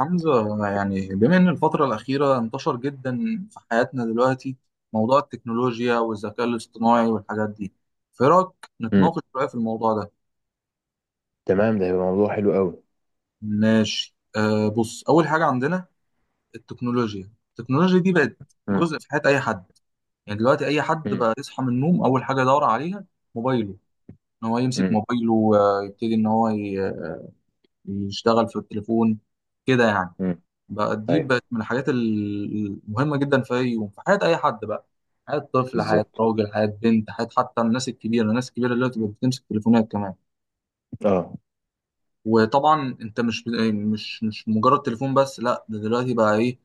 حمزة، يعني بما إن الفترة الأخيرة انتشر جدا في حياتنا دلوقتي موضوع التكنولوجيا والذكاء الاصطناعي والحاجات دي، فإيه رأيك امم نتناقش شوية في الموضوع ده؟ تمام، ده هيبقى موضوع حلو قوي. ماشي، آه بص أول حاجة عندنا التكنولوجيا دي بقت امم جزء في حياة أي حد، يعني دلوقتي أي حد امم بقى يصحى من النوم أول حاجة يدور عليها موبايله، إن هو يمسك امم موبايله ويبتدي يشتغل في التليفون كده يعني. امم بقى دي ايوه. بقت من المهمة جدا في أي يوم في حياة أي حد، بقى حياة طفل، حياة بالظبط. راجل، حياة بنت، حياة حتى الناس الكبيرة اللي بتبقى بتمسك تليفونات كمان. اه. وطبعا أنت مش مجرد تليفون بس، لا ده دلوقتي بقى إيه،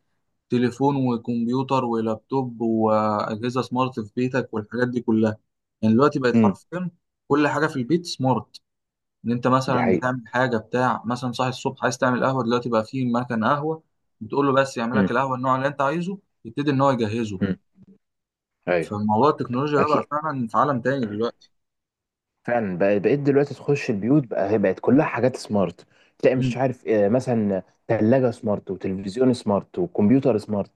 تليفون وكمبيوتر ولابتوب وأجهزة سمارت في بيتك والحاجات دي كلها. يعني دلوقتي بقت امم حرفيا كل حاجة في البيت سمارت. ان انت دي مثلا حقيقة. بتعمل حاجه بتاع، مثلا صاحي الصبح عايز تعمل قهوه، دلوقتي بقى في مكان قهوه بتقول له بس يعمل امم لك القهوه النوع اللي انت عايزه، يبتدي ان هو يجهزه. امم ايوه. فموضوع التكنولوجيا ده بقى اكيد. فعلا في عالم تاني دلوقتي. فعلا بقيت دلوقتي تخش البيوت، بقى هي بقت كلها حاجات سمارت. تلاقي مش مم. عارف، مثلا ثلاجة سمارت وتلفزيون سمارت وكمبيوتر سمارت.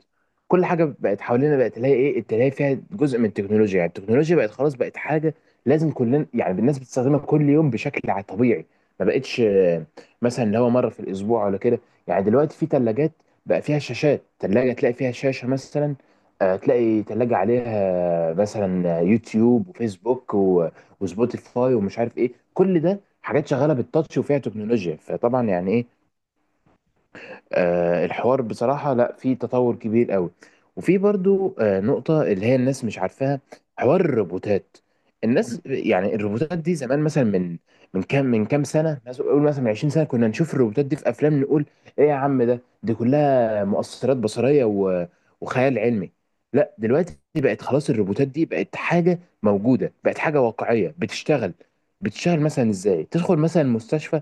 كل حاجة بقت حوالينا بقت، تلاقي ايه، تلاقي فيها جزء من التكنولوجيا. يعني التكنولوجيا بقت خلاص، بقت حاجة لازم كلنا، يعني الناس بتستخدمها كل يوم بشكل طبيعي. ما بقتش مثلا اللي هو مرة في الأسبوع ولا كده. يعني دلوقتي في ثلاجات بقى فيها شاشات، ثلاجة تلاقي فيها شاشة مثلا. تلاقي ثلاجة عليها، مثلا يوتيوب وفيسبوك وسبوتيفاي، ومش عارف ايه، كل ده حاجات شغاله بالتاتش وفيها تكنولوجيا. فطبعا يعني ايه، الحوار بصراحة، لا، في تطور كبير قوي. وفي برضو نقطة اللي هي الناس مش عارفاها، حوار الروبوتات. مم. الناس، يعني الروبوتات دي زمان مثلا من كام سنة، مثلا قول مثلا من 20 سنة، كنا نشوف الروبوتات دي في أفلام، نقول إيه يا عم ده، دي كلها مؤثرات بصرية و- وخيال علمي. لا، دلوقتي بقت خلاص الروبوتات دي بقت حاجة موجودة، بقت حاجة واقعية بتشتغل. مثلا ازاي، تدخل مثلا مستشفى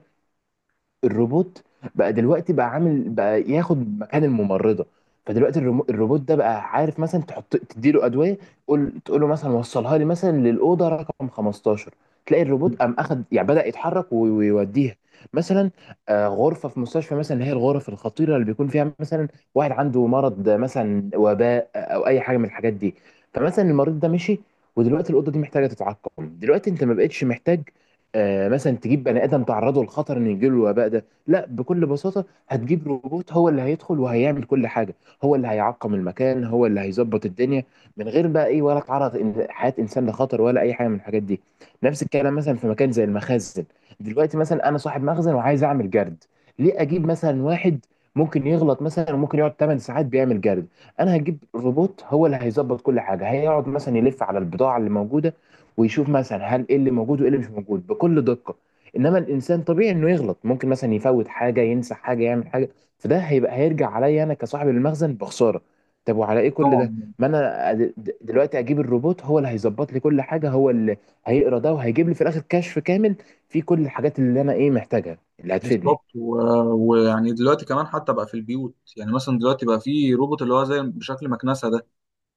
الروبوت، بقى دلوقتي بقى عامل بقى ياخد مكان الممرضه. فدلوقتي الروبوت ده بقى عارف، مثلا تحط، تديله ادويه. تقول له مثلا وصلها لي مثلا للاوضه رقم 15. تلاقي الروبوت مم. قام اخد، يعني بدا يتحرك وي- ويوديها مثلا، غرفه في مستشفى مثلا، اللي هي الغرف الخطيره اللي بيكون فيها مثلا واحد عنده مرض، مثلا وباء او اي حاجه من الحاجات دي. فمثلا المريض ده مشي، ودلوقتي الاوضه دي محتاجه تتعقم. دلوقتي انت ما بقتش محتاج مثلا تجيب بني ادم تعرضه للخطر ان يجيله الوباء ده. لا، بكل بساطه هتجيب روبوت هو اللي هيدخل وهيعمل كل حاجه، هو اللي هيعقم المكان، هو اللي هيظبط الدنيا، من غير بقى ايه، ولا تعرض حياه انسان لخطر، ولا اي حاجه من الحاجات دي. نفس الكلام مثلا في مكان زي المخازن. دلوقتي مثلا انا صاحب مخزن وعايز اعمل جرد. ليه اجيب مثلا واحد ممكن يغلط مثلا، وممكن يقعد 8 ساعات بيعمل جرد؟ انا هجيب روبوت هو اللي هيظبط كل حاجه، هيقعد مثلا يلف على البضاعه اللي موجوده، ويشوف مثلا هل ايه اللي موجود وايه اللي مش موجود بكل دقة. انما الانسان طبيعي انه يغلط، ممكن مثلا يفوت حاجة، ينسى حاجة، يعمل حاجة، فده هيبقى هيرجع عليا انا كصاحب المخزن بخسارة. طب، وعلى ايه كل ده؟ طبعا. ما انا، دلوقتي اجيب الروبوت هو اللي هيظبط لي كل حاجة، هو اللي هيقرا ده وهيجيب لي في الاخر كشف كامل فيه كل الحاجات اللي انا ايه محتاجها، اللي هتفيدني. بالظبط. و... ويعني دلوقتي كمان حتى بقى في البيوت، يعني مثلا دلوقتي بقى في روبوت اللي هو زي بشكل مكنسه ده.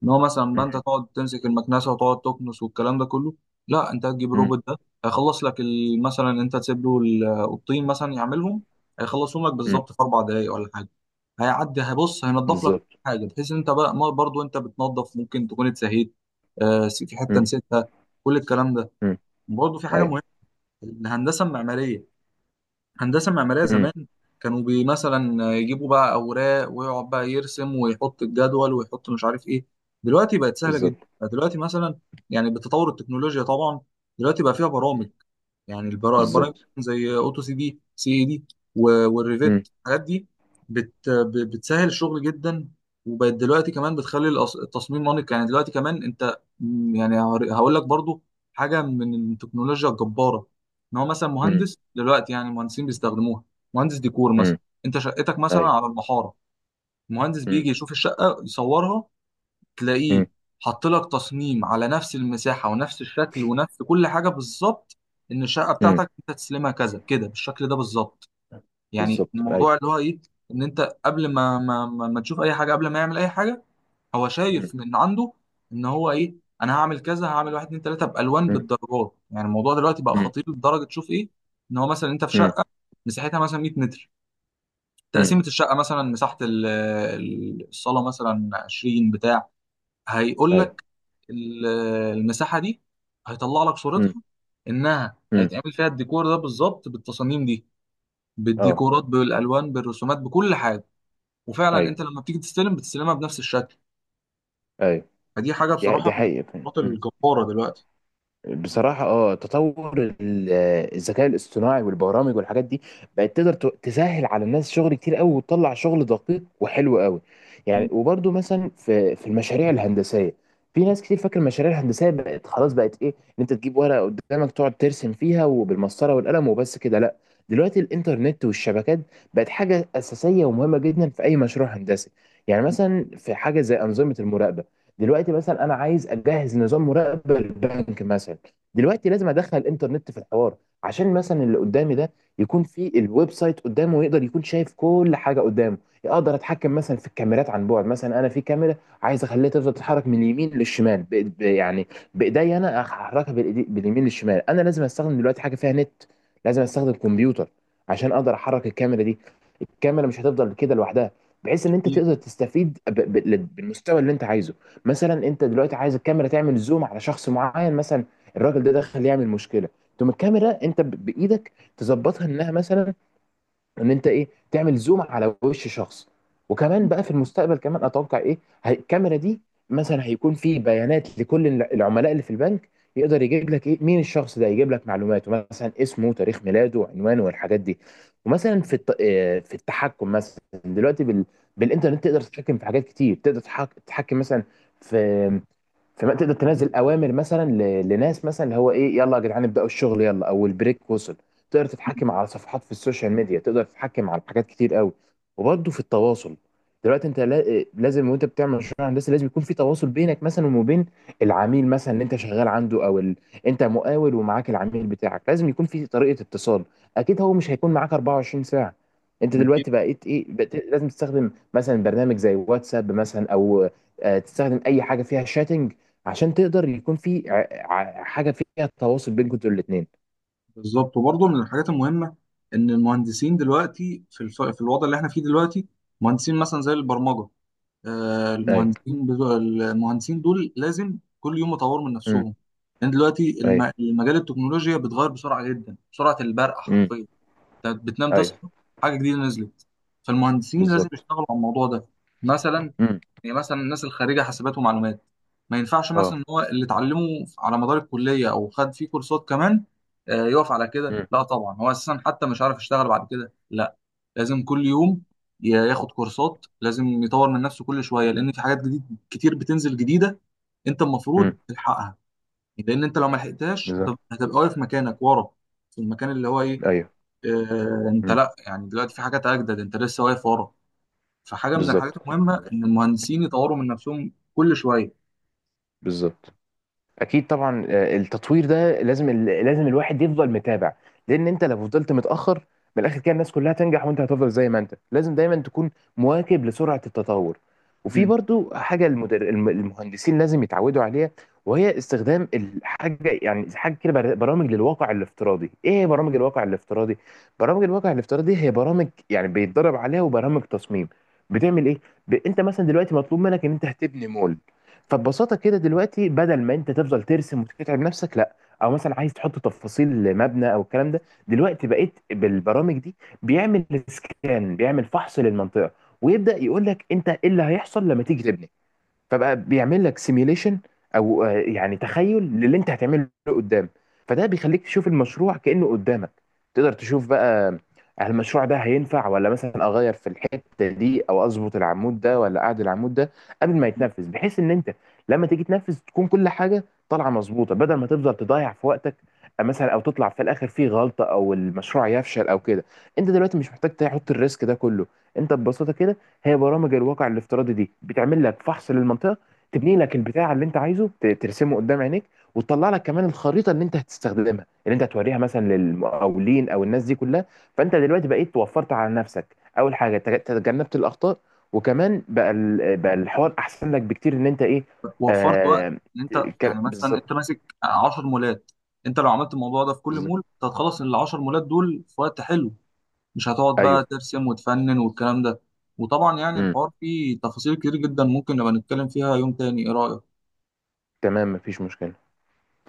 ان هو مثلا بقى انت مم. تقعد تمسك المكنسه وتقعد تكنس والكلام ده كله، لا انت هتجيب مم. الروبوت ده هيخلص لك مثلا انت تسيب له الطين مثلا يعملهم، هيخلصهم لك مم. بالظبط في اربع دقائق ولا حاجه. هيعدي هيبص هينضف لك بالظبط. حاجه، بحيث ان انت بقى برضو انت بتنضف ممكن تكون اتسهيت، آه، في حته مم. نسيتها، كل الكلام ده. مم. برضو في حاجه ايوه. مهمه، الهندسه المعماريه. هندسة معمارية مم. زمان كانوا بي مثلا يجيبوا بقى أوراق ويقعد بقى يرسم ويحط الجدول ويحط مش عارف إيه. دلوقتي بقت سهلة جدا. بالظبط. دلوقتي مثلا، يعني بتطور التكنولوجيا طبعا، دلوقتي بقى فيها برامج. مم. يعني البرامج بالظبط. زي أوتو سي دي سي إي دي و- مم. والريفيت، الحاجات دي بتسهل الشغل جدا. وبقت دلوقتي كمان بتخلي التصميم انيق. يعني دلوقتي كمان أنت م، يعني هقول لك برضو حاجة من التكنولوجيا الجبارة، ان هو مثلا مم. مهندس دلوقتي، يعني المهندسين بيستخدموها. مهندس ديكور مم. مثلا، انت شقتك مثلا ايوه. على المحاره، المهندس مم. بيجي يشوف الشقه يصورها، تلاقيه مم. حط لك تصميم على نفس المساحه ونفس الشكل ونفس كل حاجه بالظبط، ان الشقه مم. بتاعتك انت تسلمها كذا كده بالشكل ده بالظبط. يعني بالظبط. ايوه. الموضوع اللي هو ايه، ان انت قبل ما تشوف اي حاجه، قبل ما يعمل اي حاجه هو مم. شايف من عنده، ان هو ايه، انا هعمل كذا، هعمل واحد اتنين تلاته بالوان مم. بالدرجات. يعني الموضوع دلوقتي بقى مم. خطير لدرجه تشوف ايه، ان هو مثلا انت في مم. شقه مساحتها مثلا 100 متر، مم. تقسيمه الشقه مثلا مساحه الصاله مثلا 20 بتاع، هيقول ايوه. لك ال- المساحه دي هيطلع لك مم. صورتها انها مم. هيتعمل فيها الديكور ده بالظبط، بالتصاميم دي، اه. بالديكورات، بالالوان، بالرسومات، بكل حاجه. وفعلا ايوه. انت لما بتيجي تستلم بتستلمها بنفس الشكل. ايوه. فدي حاجه دي بصراحه دي من حقيقة الخطوات فعلا. الجباره دلوقتي. بصراحة اه، تطور الذكاء الاصطناعي والبرامج والحاجات دي بقت تقدر تسهل على الناس شغل كتير قوي، وتطلع شغل دقيق وحلو قوي. يعني، م. وبرده مثلا في المشاريع الهندسية، في ناس كتير فاكر المشاريع الهندسية بقت خلاص، بقت ايه، ان انت تجيب ورقة قدامك تقعد ترسم فيها وبالمسطرة والقلم وبس كده. لا، دلوقتي الانترنت والشبكات بقت حاجة أساسية ومهمة جدا في أي مشروع هندسي. يعني مثلا في حاجة زي أنظمة المراقبة. دلوقتي مثلا أنا عايز أجهز نظام مراقبة للبنك مثلا. دلوقتي لازم ادخل الانترنت في الحوار، عشان مثلا اللي قدامي ده يكون في الويب سايت قدامه ويقدر يكون شايف كل حاجه قدامه. اقدر اتحكم مثلا في الكاميرات عن بعد، مثلا انا في كاميرا عايز اخليها تفضل تتحرك من اليمين للشمال يعني بايديا، انا احركها بالإيدي، باليمين للشمال. انا لازم استخدم دلوقتي حاجه فيها نت، لازم استخدم كمبيوتر عشان اقدر احرك الكاميرا دي. الكاميرا مش هتفضل كده لوحدها، بحيث ان انت اكيد. تقدر تستفيد بالمستوى اللي انت عايزه. مثلا انت دلوقتي عايز الكاميرا تعمل زوم على شخص معين، مثلا الراجل ده دخل يعمل مشكله، تقوم الكاميرا انت بايدك تظبطها انها مثلا، ان انت ايه، تعمل زوم على وش شخص. وكمان بقى في المستقبل كمان اتوقع ايه، الكاميرا دي مثلا هيكون في بيانات لكل العملاء اللي في البنك، يقدر يجيب لك ايه، مين الشخص ده، يجيب لك معلوماته مثلا اسمه، تاريخ ميلاده، وعنوانه، والحاجات دي. ومثلا في الت... آه، في التحكم مثلا. دلوقتي بالانترنت تقدر تتحكم في حاجات كتير، تقدر تتحكم مثلا في. فما تقدر تنزل اوامر مثلا ل- لناس مثلا، اللي هو ايه، يلا يا جدعان ابداوا الشغل، يلا او البريك وصل. تقدر تتحكم على صفحات في السوشيال ميديا، تقدر تتحكم على حاجات كتير قوي. وبرضه في التواصل، دلوقتي انت لازم وانت بتعمل مشروع هندسي لازم يكون في تواصل بينك مثلا وبين العميل مثلا اللي انت شغال عنده، او انت مقاول ومعاك العميل بتاعك لازم يكون في طريقة اتصال. اكيد هو مش هيكون معاك 24 ساعة. انت اكيد. دلوقتي بقيت ايه، بقيت لازم تستخدم مثلا برنامج زي واتساب مثلا، او تستخدم اي حاجة فيها شاتنج، عشان تقدر يكون في حاجه فيها تواصل بينكم انتوا الاثنين. بالظبط. وبرضه من الحاجات المهمه ان المهندسين دلوقتي في في الوضع اللي احنا فيه دلوقتي، مهندسين مثلا زي البرمجه، آه ايوه. المهندسين بتوع المهندسين دول لازم كل يوم يطوروا من امم نفسهم. لان دلوقتي ايوه. المجال التكنولوجيا بيتغير بسرعه جدا، بسرعه البرق امم حرفيا. انت بتنام ايوه. تصحى حاجه جديده نزلت. فالمهندسين لازم بالظبط. يشتغلوا على الموضوع ده مثلا. امم يعني مثلا الناس الخريجه حاسبات ومعلومات، ما ينفعش اه. مثلا ان هو اللي اتعلمه على مدار الكليه او خد فيه كورسات كمان، آه، يقف على كده، امم لا طبعا هو اساسا حتى مش عارف يشتغل بعد كده، لا لازم كل يوم ياخد كورسات، لازم يطور من نفسه كل شويه لان في حاجات جديد كتير بتنزل جديده، انت امم المفروض تلحقها. يعني لان انت لو ما لحقتهاش بالظبط. هتبقى واقف مكانك ورا، في المكان اللي هو ايه، ايوه. آه، انت امم لا، يعني دلوقتي في حاجات اجدد انت لسه واقف ورا. فحاجه من الحاجات بالظبط. المهمه ان المهندسين يطوروا من نفسهم كل شويه. بالظبط. اكيد طبعا، التطوير ده لازم لازم الواحد يفضل متابع، لان انت لو فضلت متاخر، من الاخر كده الناس كلها تنجح وانت هتفضل زي ما انت. لازم دايما تكون مواكب لسرعه التطور. وفي مم. برضو حاجه المهندسين لازم يتعودوا عليها، وهي استخدام الحاجه، يعني حاجه كده برامج للواقع الافتراضي. ايه هي برامج الواقع الافتراضي؟ برامج الواقع الافتراضي هي برامج يعني بيتدرب عليها، وبرامج تصميم. بتعمل ايه؟ انت مثلا دلوقتي مطلوب منك ان انت هتبني مول. فببساطه كده دلوقتي بدل ما انت تفضل ترسم وتتعب نفسك، لا، او مثلا عايز تحط تفاصيل مبنى او الكلام ده، دلوقتي بقيت بالبرامج دي. بيعمل سكان، بيعمل فحص للمنطقه، ويبدا يقول لك انت ايه اللي هيحصل لما تيجي تبني. فبقى بيعمل لك سيميليشن، او يعني تخيل للي انت هتعمله قدام. فده بيخليك تشوف المشروع كأنه قدامك. تقدر تشوف بقى، هل المشروع ده هينفع، ولا مثلا اغير في الحته دي، او اظبط العمود ده، ولا اعدل العمود ده، قبل ما يتنفذ، بحيث ان انت لما تيجي تنفذ تكون كل حاجه طالعه مظبوطه، بدل ما تفضل تضيع في وقتك، مثلا او تطلع في الاخر فيه غلطه، او المشروع يفشل او كده. انت دلوقتي مش محتاج تحط الريسك ده كله. انت ببساطه كده، هي برامج الواقع الافتراضي دي بتعمل لك فحص للمنطقه، تبني لك البتاع اللي انت عايزه ترسمه قدام عينيك، وتطلع لك كمان الخريطه اللي انت هتستخدمها، اللي انت هتوريها مثلا للمقاولين او الناس دي كلها. فانت دلوقتي بقيت وفرت على نفسك، اول حاجه تجنبت الاخطاء، وكمان بقى بقى الحوار احسن لك بكتير ان انت ايه. وفرت وقت. آه. ان انت يعني مثلا انت بالظبط. ماسك 10 مولات، انت لو عملت الموضوع ده في كل بالظبط. مول انت هتخلص ال 10 مولات دول في وقت حلو، مش هتقعد بقى ايوه. ترسم وتفنن والكلام ده. وطبعا يعني امم الحوار فيه تفاصيل كتير جدا ممكن نبقى نتكلم فيها يوم تاني، ايه رايك؟ تمام، مفيش مشكله.